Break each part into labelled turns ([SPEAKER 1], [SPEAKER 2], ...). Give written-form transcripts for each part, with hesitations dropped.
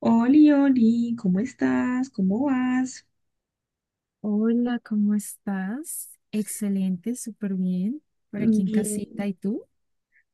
[SPEAKER 1] Oli, Oli, ¿cómo estás? ¿Cómo vas?
[SPEAKER 2] Hola, ¿cómo estás? Excelente, súper bien. Por aquí en casita,
[SPEAKER 1] Bien,
[SPEAKER 2] ¿y tú?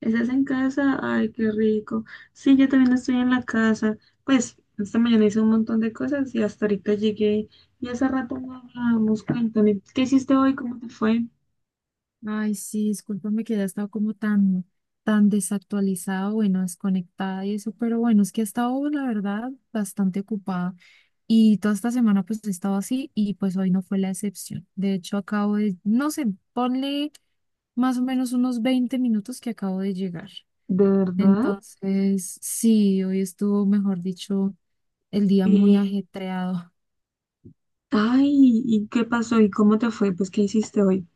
[SPEAKER 1] ¿estás en casa? Ay, qué rico. Sí, yo también estoy en la casa. Pues esta mañana hice un montón de cosas y hasta ahorita llegué y hace rato no hablábamos. Cuéntame, ¿qué hiciste hoy? ¿Cómo te fue?
[SPEAKER 2] Ay, sí, discúlpame que ya he estado como tan desactualizada, bueno, desconectada y eso, pero bueno, es que he estado, la verdad, bastante ocupada. Y toda esta semana pues he estado así y pues hoy no fue la excepción. De hecho, acabo de, no sé, ponle más o menos unos 20 minutos que acabo de llegar.
[SPEAKER 1] ¿De verdad?
[SPEAKER 2] Entonces, sí, hoy estuvo, mejor dicho, el día muy
[SPEAKER 1] Sí.
[SPEAKER 2] ajetreado.
[SPEAKER 1] Ay, ¿y qué pasó? ¿Y cómo te fue? Pues, ¿qué hiciste hoy?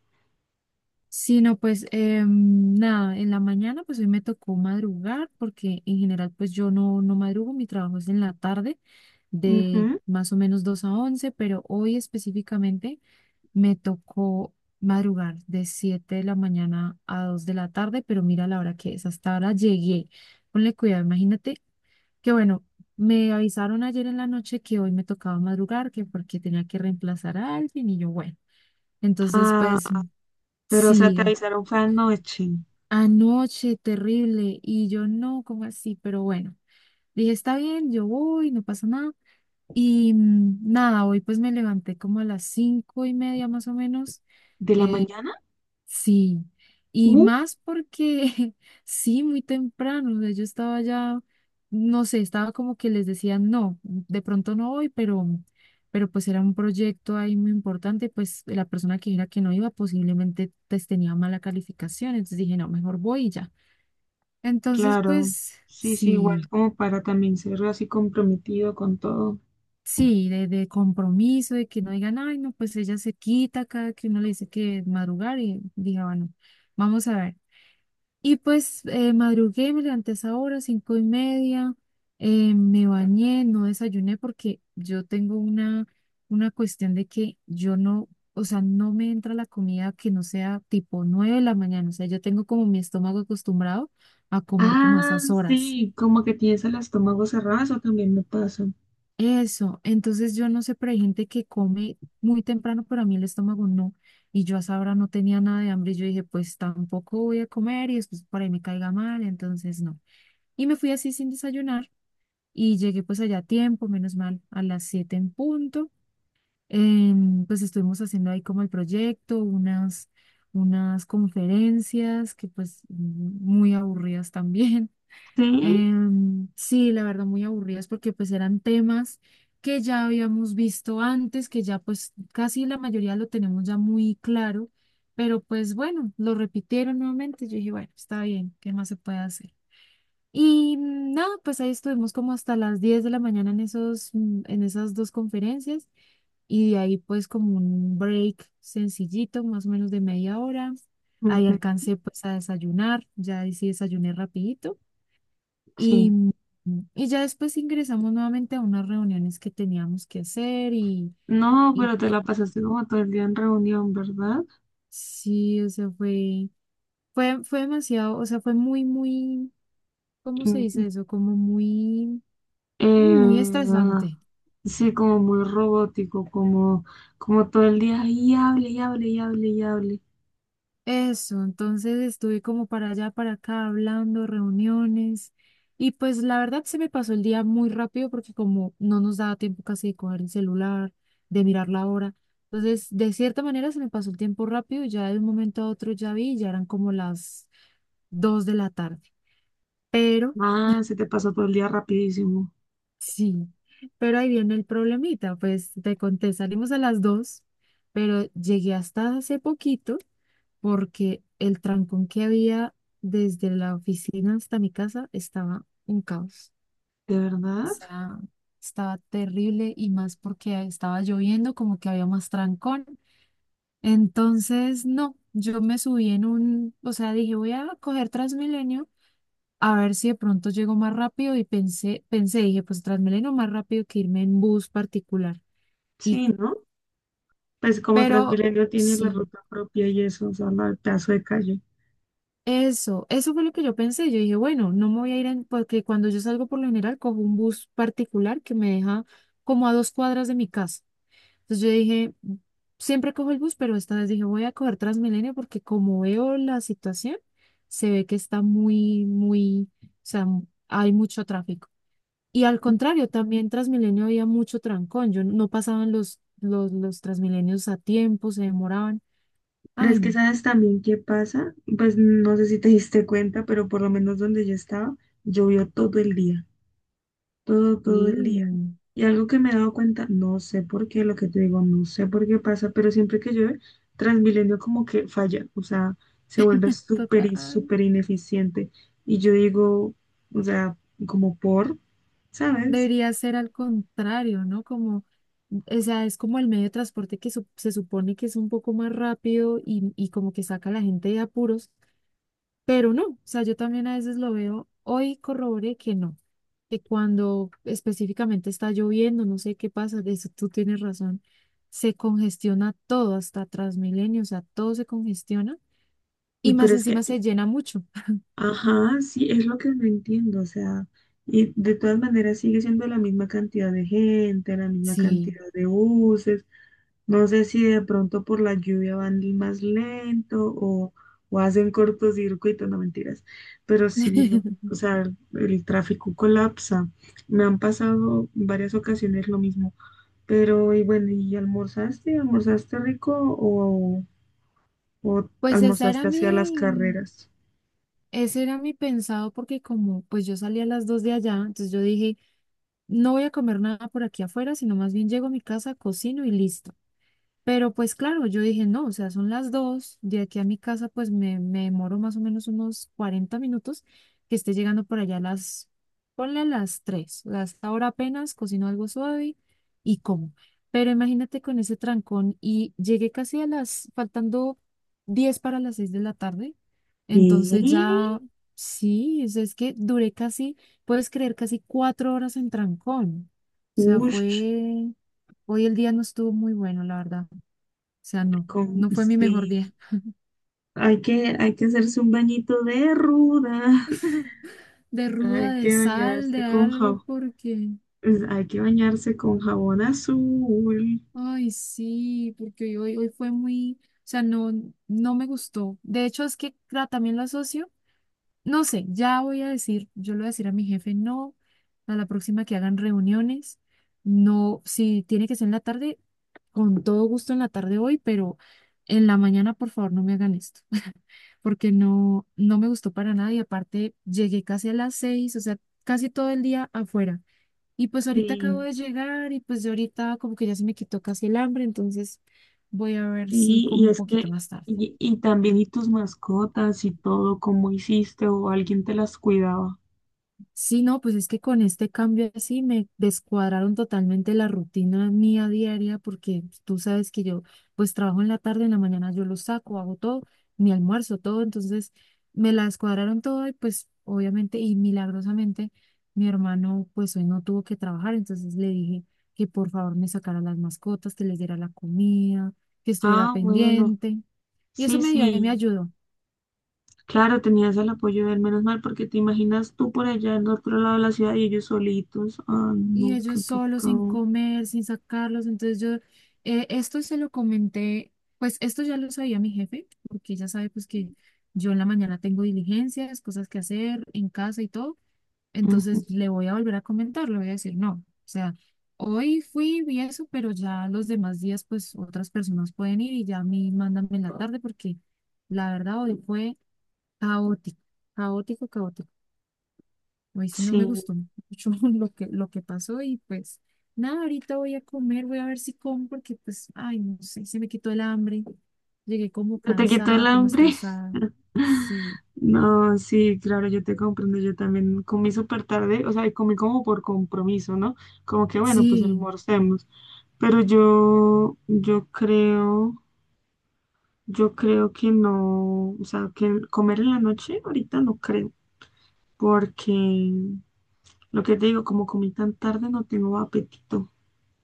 [SPEAKER 2] Sí, no, pues nada, en la mañana pues hoy me tocó madrugar porque en general pues yo no, no madrugo, mi trabajo es en la tarde de
[SPEAKER 1] Ujú.
[SPEAKER 2] más o menos 2 a 11, pero hoy específicamente me tocó madrugar de 7 de la mañana a 2 de la tarde, pero mira la hora que es, hasta ahora llegué. Ponle cuidado, imagínate que bueno, me avisaron ayer en la noche que hoy me tocaba madrugar, que porque tenía que reemplazar a alguien y yo bueno, entonces
[SPEAKER 1] Ah,
[SPEAKER 2] pues.
[SPEAKER 1] pero o sea,
[SPEAKER 2] Sí,
[SPEAKER 1] te avisaron fue anoche.
[SPEAKER 2] anoche, terrible. Y yo no, como así? Pero bueno, dije, está bien, yo voy, no pasa nada. Y nada, hoy pues me levanté como a las 5:30 más o menos.
[SPEAKER 1] ¿De la
[SPEAKER 2] Eh,
[SPEAKER 1] mañana?
[SPEAKER 2] sí. Y más porque sí, muy temprano. O sea, yo estaba ya, no sé, estaba como que les decía, no, de pronto no voy, pero pues era un proyecto ahí muy importante. Pues la persona que era que no iba posiblemente pues, tenía mala calificación. Entonces dije, no, mejor voy y ya. Entonces,
[SPEAKER 1] Claro,
[SPEAKER 2] pues
[SPEAKER 1] sí, sí,
[SPEAKER 2] sí,
[SPEAKER 1] igual como para también ser así comprometido con todo.
[SPEAKER 2] sí, de compromiso, de que no digan, ay, no, pues ella se quita cada que uno le dice que madrugar y diga, bueno, vamos a ver. Y pues madrugué, me levanté a esa hora, 5:30, me bañé, no desayuné porque yo tengo una cuestión de que yo no, o sea, no me entra la comida que no sea tipo 9 de la mañana, o sea, yo tengo como mi estómago acostumbrado a comer como a
[SPEAKER 1] Ah,
[SPEAKER 2] esas horas.
[SPEAKER 1] sí, como que tienes el estómago cerrado, eso también me pasa.
[SPEAKER 2] Eso, entonces yo no sé, pero hay gente que come muy temprano, pero a mí el estómago no. Y yo a esa hora no tenía nada de hambre. Y yo dije, pues tampoco voy a comer y después por ahí me caiga mal, entonces no. Y me fui así sin desayunar y llegué pues allá a tiempo, menos mal, a las 7 en punto. Pues estuvimos haciendo ahí como el proyecto, unas conferencias que pues muy aburridas también.
[SPEAKER 1] Sí,
[SPEAKER 2] Sí, la verdad, muy aburridas porque pues eran temas que ya habíamos visto antes, que ya pues casi la mayoría lo tenemos ya muy claro, pero pues bueno, lo repitieron nuevamente. Yo dije, bueno, está bien, ¿qué más se puede hacer? Y nada, pues ahí estuvimos como hasta las 10 de la mañana en esos, en esas dos conferencias y de ahí pues como un break sencillito, más o menos de media hora. Ahí
[SPEAKER 1] ujú,
[SPEAKER 2] alcancé pues a desayunar, ya ahí sí desayuné rapidito. Y,
[SPEAKER 1] sí.
[SPEAKER 2] y ya después ingresamos nuevamente a unas reuniones que teníamos que hacer y,
[SPEAKER 1] No,
[SPEAKER 2] y
[SPEAKER 1] pero te la pasaste como todo el día en reunión, ¿verdad?
[SPEAKER 2] sí, o sea, fue, fue demasiado, o sea, fue muy, muy, ¿cómo se dice
[SPEAKER 1] Mm,
[SPEAKER 2] eso? Como muy, muy
[SPEAKER 1] eh,
[SPEAKER 2] estresante.
[SPEAKER 1] sí, como muy robótico, como, como todo el día y hable, y hable, y hable, y hable.
[SPEAKER 2] Eso, entonces estuve como para allá, para acá, hablando, reuniones, y pues la verdad se me pasó el día muy rápido porque como no nos daba tiempo casi de coger el celular, de mirar la hora, entonces de cierta manera se me pasó el tiempo rápido, ya de un momento a otro ya vi, ya eran como las 2 de la tarde, pero
[SPEAKER 1] Ah, se te pasó todo el día rapidísimo,
[SPEAKER 2] sí, pero ahí viene el problemita, pues te conté, salimos a las 2, pero llegué hasta hace poquito porque el trancón que había desde la oficina hasta mi casa estaba un caos.
[SPEAKER 1] ¿de
[SPEAKER 2] O
[SPEAKER 1] verdad?
[SPEAKER 2] sea, estaba terrible y más porque estaba lloviendo, como que había más trancón. Entonces, no, yo me subí en un, o sea, dije, voy a coger Transmilenio a ver si de pronto llego más rápido y pensé, dije, pues Transmilenio más rápido que irme en bus particular. Y,
[SPEAKER 1] Sí, ¿no? Pues como
[SPEAKER 2] pero
[SPEAKER 1] Transmilenio tiene la
[SPEAKER 2] sí.
[SPEAKER 1] ruta propia y eso, o sea, la pedazo de calle.
[SPEAKER 2] Eso fue lo que yo pensé. Yo dije, bueno, no me voy a ir en, porque cuando yo salgo por lo general cojo un bus particular que me deja como a 2 cuadras de mi casa. Entonces yo dije, siempre cojo el bus, pero esta vez dije, voy a coger Transmilenio porque como veo la situación, se ve que está muy, muy, o sea, hay mucho tráfico. Y al contrario, también Transmilenio había mucho trancón. Yo no pasaban los Transmilenios a tiempo, se demoraban.
[SPEAKER 1] Pero es
[SPEAKER 2] Ay,
[SPEAKER 1] que
[SPEAKER 2] no.
[SPEAKER 1] sabes también qué pasa, pues no sé si te diste cuenta, pero por lo menos donde yo estaba, llovió todo el día, todo, todo el día.
[SPEAKER 2] Sí,
[SPEAKER 1] Y algo que me he dado cuenta, no sé por qué, lo que te digo, no sé por qué pasa, pero siempre que llueve, Transmilenio como que falla, o sea, se vuelve súper, y
[SPEAKER 2] total.
[SPEAKER 1] súper ineficiente. Y yo digo, o sea, como por, ¿sabes?
[SPEAKER 2] Debería ser al contrario, ¿no? Como, o sea, es como el medio de transporte que se supone que es un poco más rápido y como que saca a la gente de apuros, pero no, o sea, yo también a veces lo veo, hoy corroboré que no, que cuando específicamente está lloviendo, no sé qué pasa, de eso tú tienes razón, se congestiona todo, hasta Transmilenio, o sea, todo se congestiona
[SPEAKER 1] Y
[SPEAKER 2] y más
[SPEAKER 1] pero es que
[SPEAKER 2] encima se llena mucho.
[SPEAKER 1] ajá, sí, es lo que no entiendo, o sea, y de todas maneras sigue siendo la misma cantidad de gente, la misma
[SPEAKER 2] Sí.
[SPEAKER 1] cantidad de buses, no sé si de pronto por la lluvia van más lento o hacen cortocircuito, no mentiras, pero sí, lo, o sea, el tráfico colapsa, me han pasado en varias ocasiones lo mismo, pero y bueno, ¿y almorzaste? ¿Almorzaste rico o
[SPEAKER 2] Pues esa era
[SPEAKER 1] almorzaste hacia las
[SPEAKER 2] mi,
[SPEAKER 1] carreras?
[SPEAKER 2] Ese era mi pensado porque como pues yo salí a las dos de allá, entonces yo dije, no voy a comer nada por aquí afuera, sino más bien llego a mi casa, cocino y listo. Pero pues claro, yo dije, no, o sea, son las 2, de aquí a mi casa pues me demoro más o menos unos 40 minutos que esté llegando por allá a las, ponle a las 3, hasta ahora apenas cocino algo suave y como. Pero imagínate con ese trancón y llegué casi a las, faltando 10 para las 6 de la tarde,
[SPEAKER 1] ¿Qué?
[SPEAKER 2] entonces ya, sí, o sea, es que duré casi, puedes creer, casi 4 horas en trancón. O sea,
[SPEAKER 1] Uy,
[SPEAKER 2] fue, hoy el día no estuvo muy bueno, la verdad. O sea, no,
[SPEAKER 1] con,
[SPEAKER 2] no fue mi mejor
[SPEAKER 1] sí,
[SPEAKER 2] día.
[SPEAKER 1] hay que hacerse un bañito de ruda,
[SPEAKER 2] De
[SPEAKER 1] hay
[SPEAKER 2] ruda, de
[SPEAKER 1] que
[SPEAKER 2] sal, de
[SPEAKER 1] bañarse con
[SPEAKER 2] algo,
[SPEAKER 1] jabón,
[SPEAKER 2] porque,
[SPEAKER 1] pues, hay que bañarse con jabón azul.
[SPEAKER 2] ay, sí, porque hoy fue muy, o sea, no, no me gustó. De hecho, es que claro, también lo asocio, no sé, ya voy a decir, yo le voy a decir a mi jefe, no, a la próxima que hagan reuniones, no, si tiene que ser en la tarde, con todo gusto en la tarde hoy, pero en la mañana, por favor, no me hagan esto. Porque no, no me gustó para nada y aparte llegué casi a las 6, o sea, casi todo el día afuera. Y pues ahorita acabo
[SPEAKER 1] Sí,
[SPEAKER 2] de llegar y pues ya ahorita como que ya se me quitó casi el hambre, entonces voy a ver si
[SPEAKER 1] sí,
[SPEAKER 2] como
[SPEAKER 1] y
[SPEAKER 2] un
[SPEAKER 1] es
[SPEAKER 2] poquito
[SPEAKER 1] que,
[SPEAKER 2] más tarde.
[SPEAKER 1] y también y tus mascotas y todo, cómo hiciste o alguien te las cuidaba.
[SPEAKER 2] Sí, no, pues es que con este cambio así me descuadraron totalmente la rutina mía diaria porque tú sabes que yo pues trabajo en la tarde, en la mañana yo lo saco, hago todo, mi almuerzo, todo, entonces me la descuadraron todo y pues obviamente y milagrosamente mi hermano pues hoy no tuvo que trabajar, entonces le dije que por favor me sacara las mascotas, que les diera la comida, que estuviera
[SPEAKER 1] Ah, bueno,
[SPEAKER 2] pendiente y eso
[SPEAKER 1] sí,
[SPEAKER 2] me dio, me
[SPEAKER 1] sí,
[SPEAKER 2] ayudó.
[SPEAKER 1] claro, tenías el apoyo de él, menos mal, porque te imaginas tú por allá en otro lado de la ciudad y ellos solitos. Ah,
[SPEAKER 2] Y
[SPEAKER 1] no, qué
[SPEAKER 2] ellos solos, sin
[SPEAKER 1] pecado.
[SPEAKER 2] comer, sin sacarlos. Entonces yo, esto se lo comenté, pues esto ya lo sabía mi jefe, porque ya sabe pues que yo en la mañana tengo diligencias, cosas que hacer en casa y todo.
[SPEAKER 1] Ujú,
[SPEAKER 2] Entonces le voy a volver a comentar, le voy a decir, no, o sea, hoy fui, vi eso, pero ya los demás días pues otras personas pueden ir y ya a mí mándame en la tarde porque la verdad hoy fue caótico, caótico, caótico. Hoy sí no me
[SPEAKER 1] sí.
[SPEAKER 2] gustó mucho lo que pasó y pues nada, ahorita voy a comer, voy a ver si como porque pues, ay, no sé, se me quitó el hambre. Llegué como
[SPEAKER 1] ¿Se te quitó el
[SPEAKER 2] cansada, como
[SPEAKER 1] hambre?
[SPEAKER 2] estresada. Sí,
[SPEAKER 1] No, sí, claro, yo te comprendo. Yo también comí súper tarde, o sea, comí como por compromiso, ¿no? Como que bueno, pues
[SPEAKER 2] sí,
[SPEAKER 1] almorcemos. Pero yo, yo creo que no, o sea, que comer en la noche ahorita no creo, porque lo que te digo, como comí tan tarde, no tengo apetito.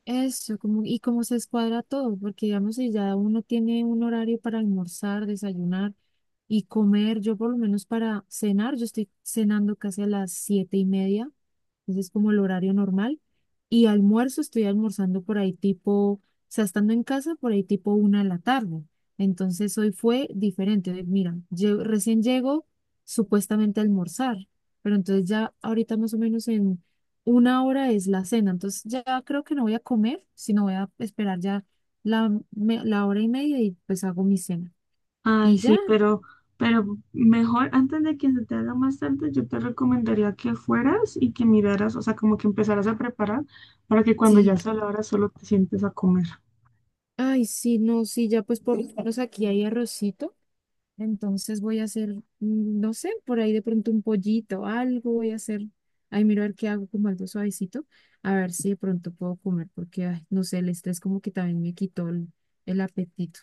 [SPEAKER 2] eso, como, y como se escuadra todo, porque digamos si ya uno tiene un horario para almorzar, desayunar y comer, yo por lo menos para cenar, yo estoy cenando casi a las 7:30, entonces como el horario normal. Y almuerzo, estoy almorzando por ahí tipo, o sea, estando en casa por ahí tipo 1 de la tarde. Entonces hoy fue diferente. Hoy, mira, recién llego supuestamente a almorzar, pero entonces ya ahorita más o menos en una hora es la cena. Entonces ya creo que no voy a comer, sino voy a esperar ya la hora y media y pues hago mi cena.
[SPEAKER 1] Ay,
[SPEAKER 2] Y ya,
[SPEAKER 1] sí, pero mejor antes de que se te haga más tarde, yo te recomendaría que fueras y que miraras, o sea, como que empezaras a preparar para que cuando ya
[SPEAKER 2] sí.
[SPEAKER 1] sea la hora solo te sientes a comer.
[SPEAKER 2] Ay, sí, no, sí, ya pues por lo menos aquí hay arrocito. Entonces voy a hacer, no sé, por ahí de pronto un pollito, algo voy a hacer. Ahí miro a ver qué hago como algo suavecito, a ver si de pronto puedo comer, porque, ay, no sé, el estrés como que también me quitó el apetito.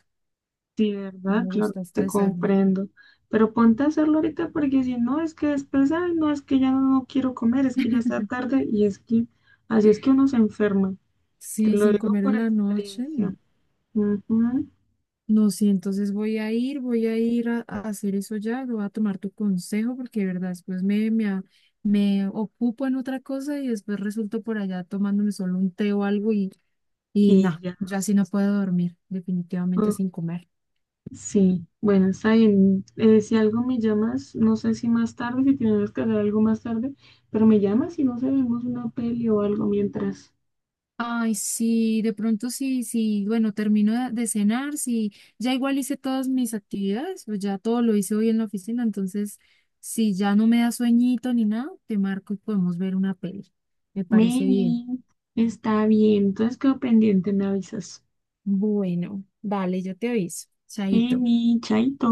[SPEAKER 1] Sí,
[SPEAKER 2] No
[SPEAKER 1] ¿verdad?
[SPEAKER 2] me
[SPEAKER 1] Claro,
[SPEAKER 2] gusta
[SPEAKER 1] te
[SPEAKER 2] estresarme.
[SPEAKER 1] comprendo. Pero ponte a hacerlo ahorita porque si no, es que después, ay, no, es que ya no quiero comer, es que ya está tarde y es que así es que uno se enferma. Te
[SPEAKER 2] Sí,
[SPEAKER 1] lo
[SPEAKER 2] sin
[SPEAKER 1] digo
[SPEAKER 2] comer
[SPEAKER 1] por
[SPEAKER 2] en la noche. No,
[SPEAKER 1] experiencia. Ujú.
[SPEAKER 2] no, sí, entonces voy a ir, voy a ir a hacer eso ya, voy a tomar tu consejo porque de verdad después me ocupo en otra cosa y después resulto por allá tomándome solo un té o algo. Y
[SPEAKER 1] Y
[SPEAKER 2] no,
[SPEAKER 1] ya.
[SPEAKER 2] yo así no puedo dormir, definitivamente sin comer.
[SPEAKER 1] Sí, bueno, está bien. Si algo me llamas, no sé si más tarde, si tienes que hacer algo más tarde, pero me llamas y no sé, vemos una peli o algo mientras.
[SPEAKER 2] Ay, sí, de pronto sí, sí, bueno, termino de cenar, sí, ya igual hice todas mis actividades, pues ya todo lo hice hoy en la oficina, entonces si ya no me da sueñito ni nada, te marco y podemos ver una peli. Me parece bien.
[SPEAKER 1] Meni, está bien, entonces quedo pendiente, me avisas.
[SPEAKER 2] Bueno, dale, yo te aviso. Chaito.
[SPEAKER 1] Meni, chaito.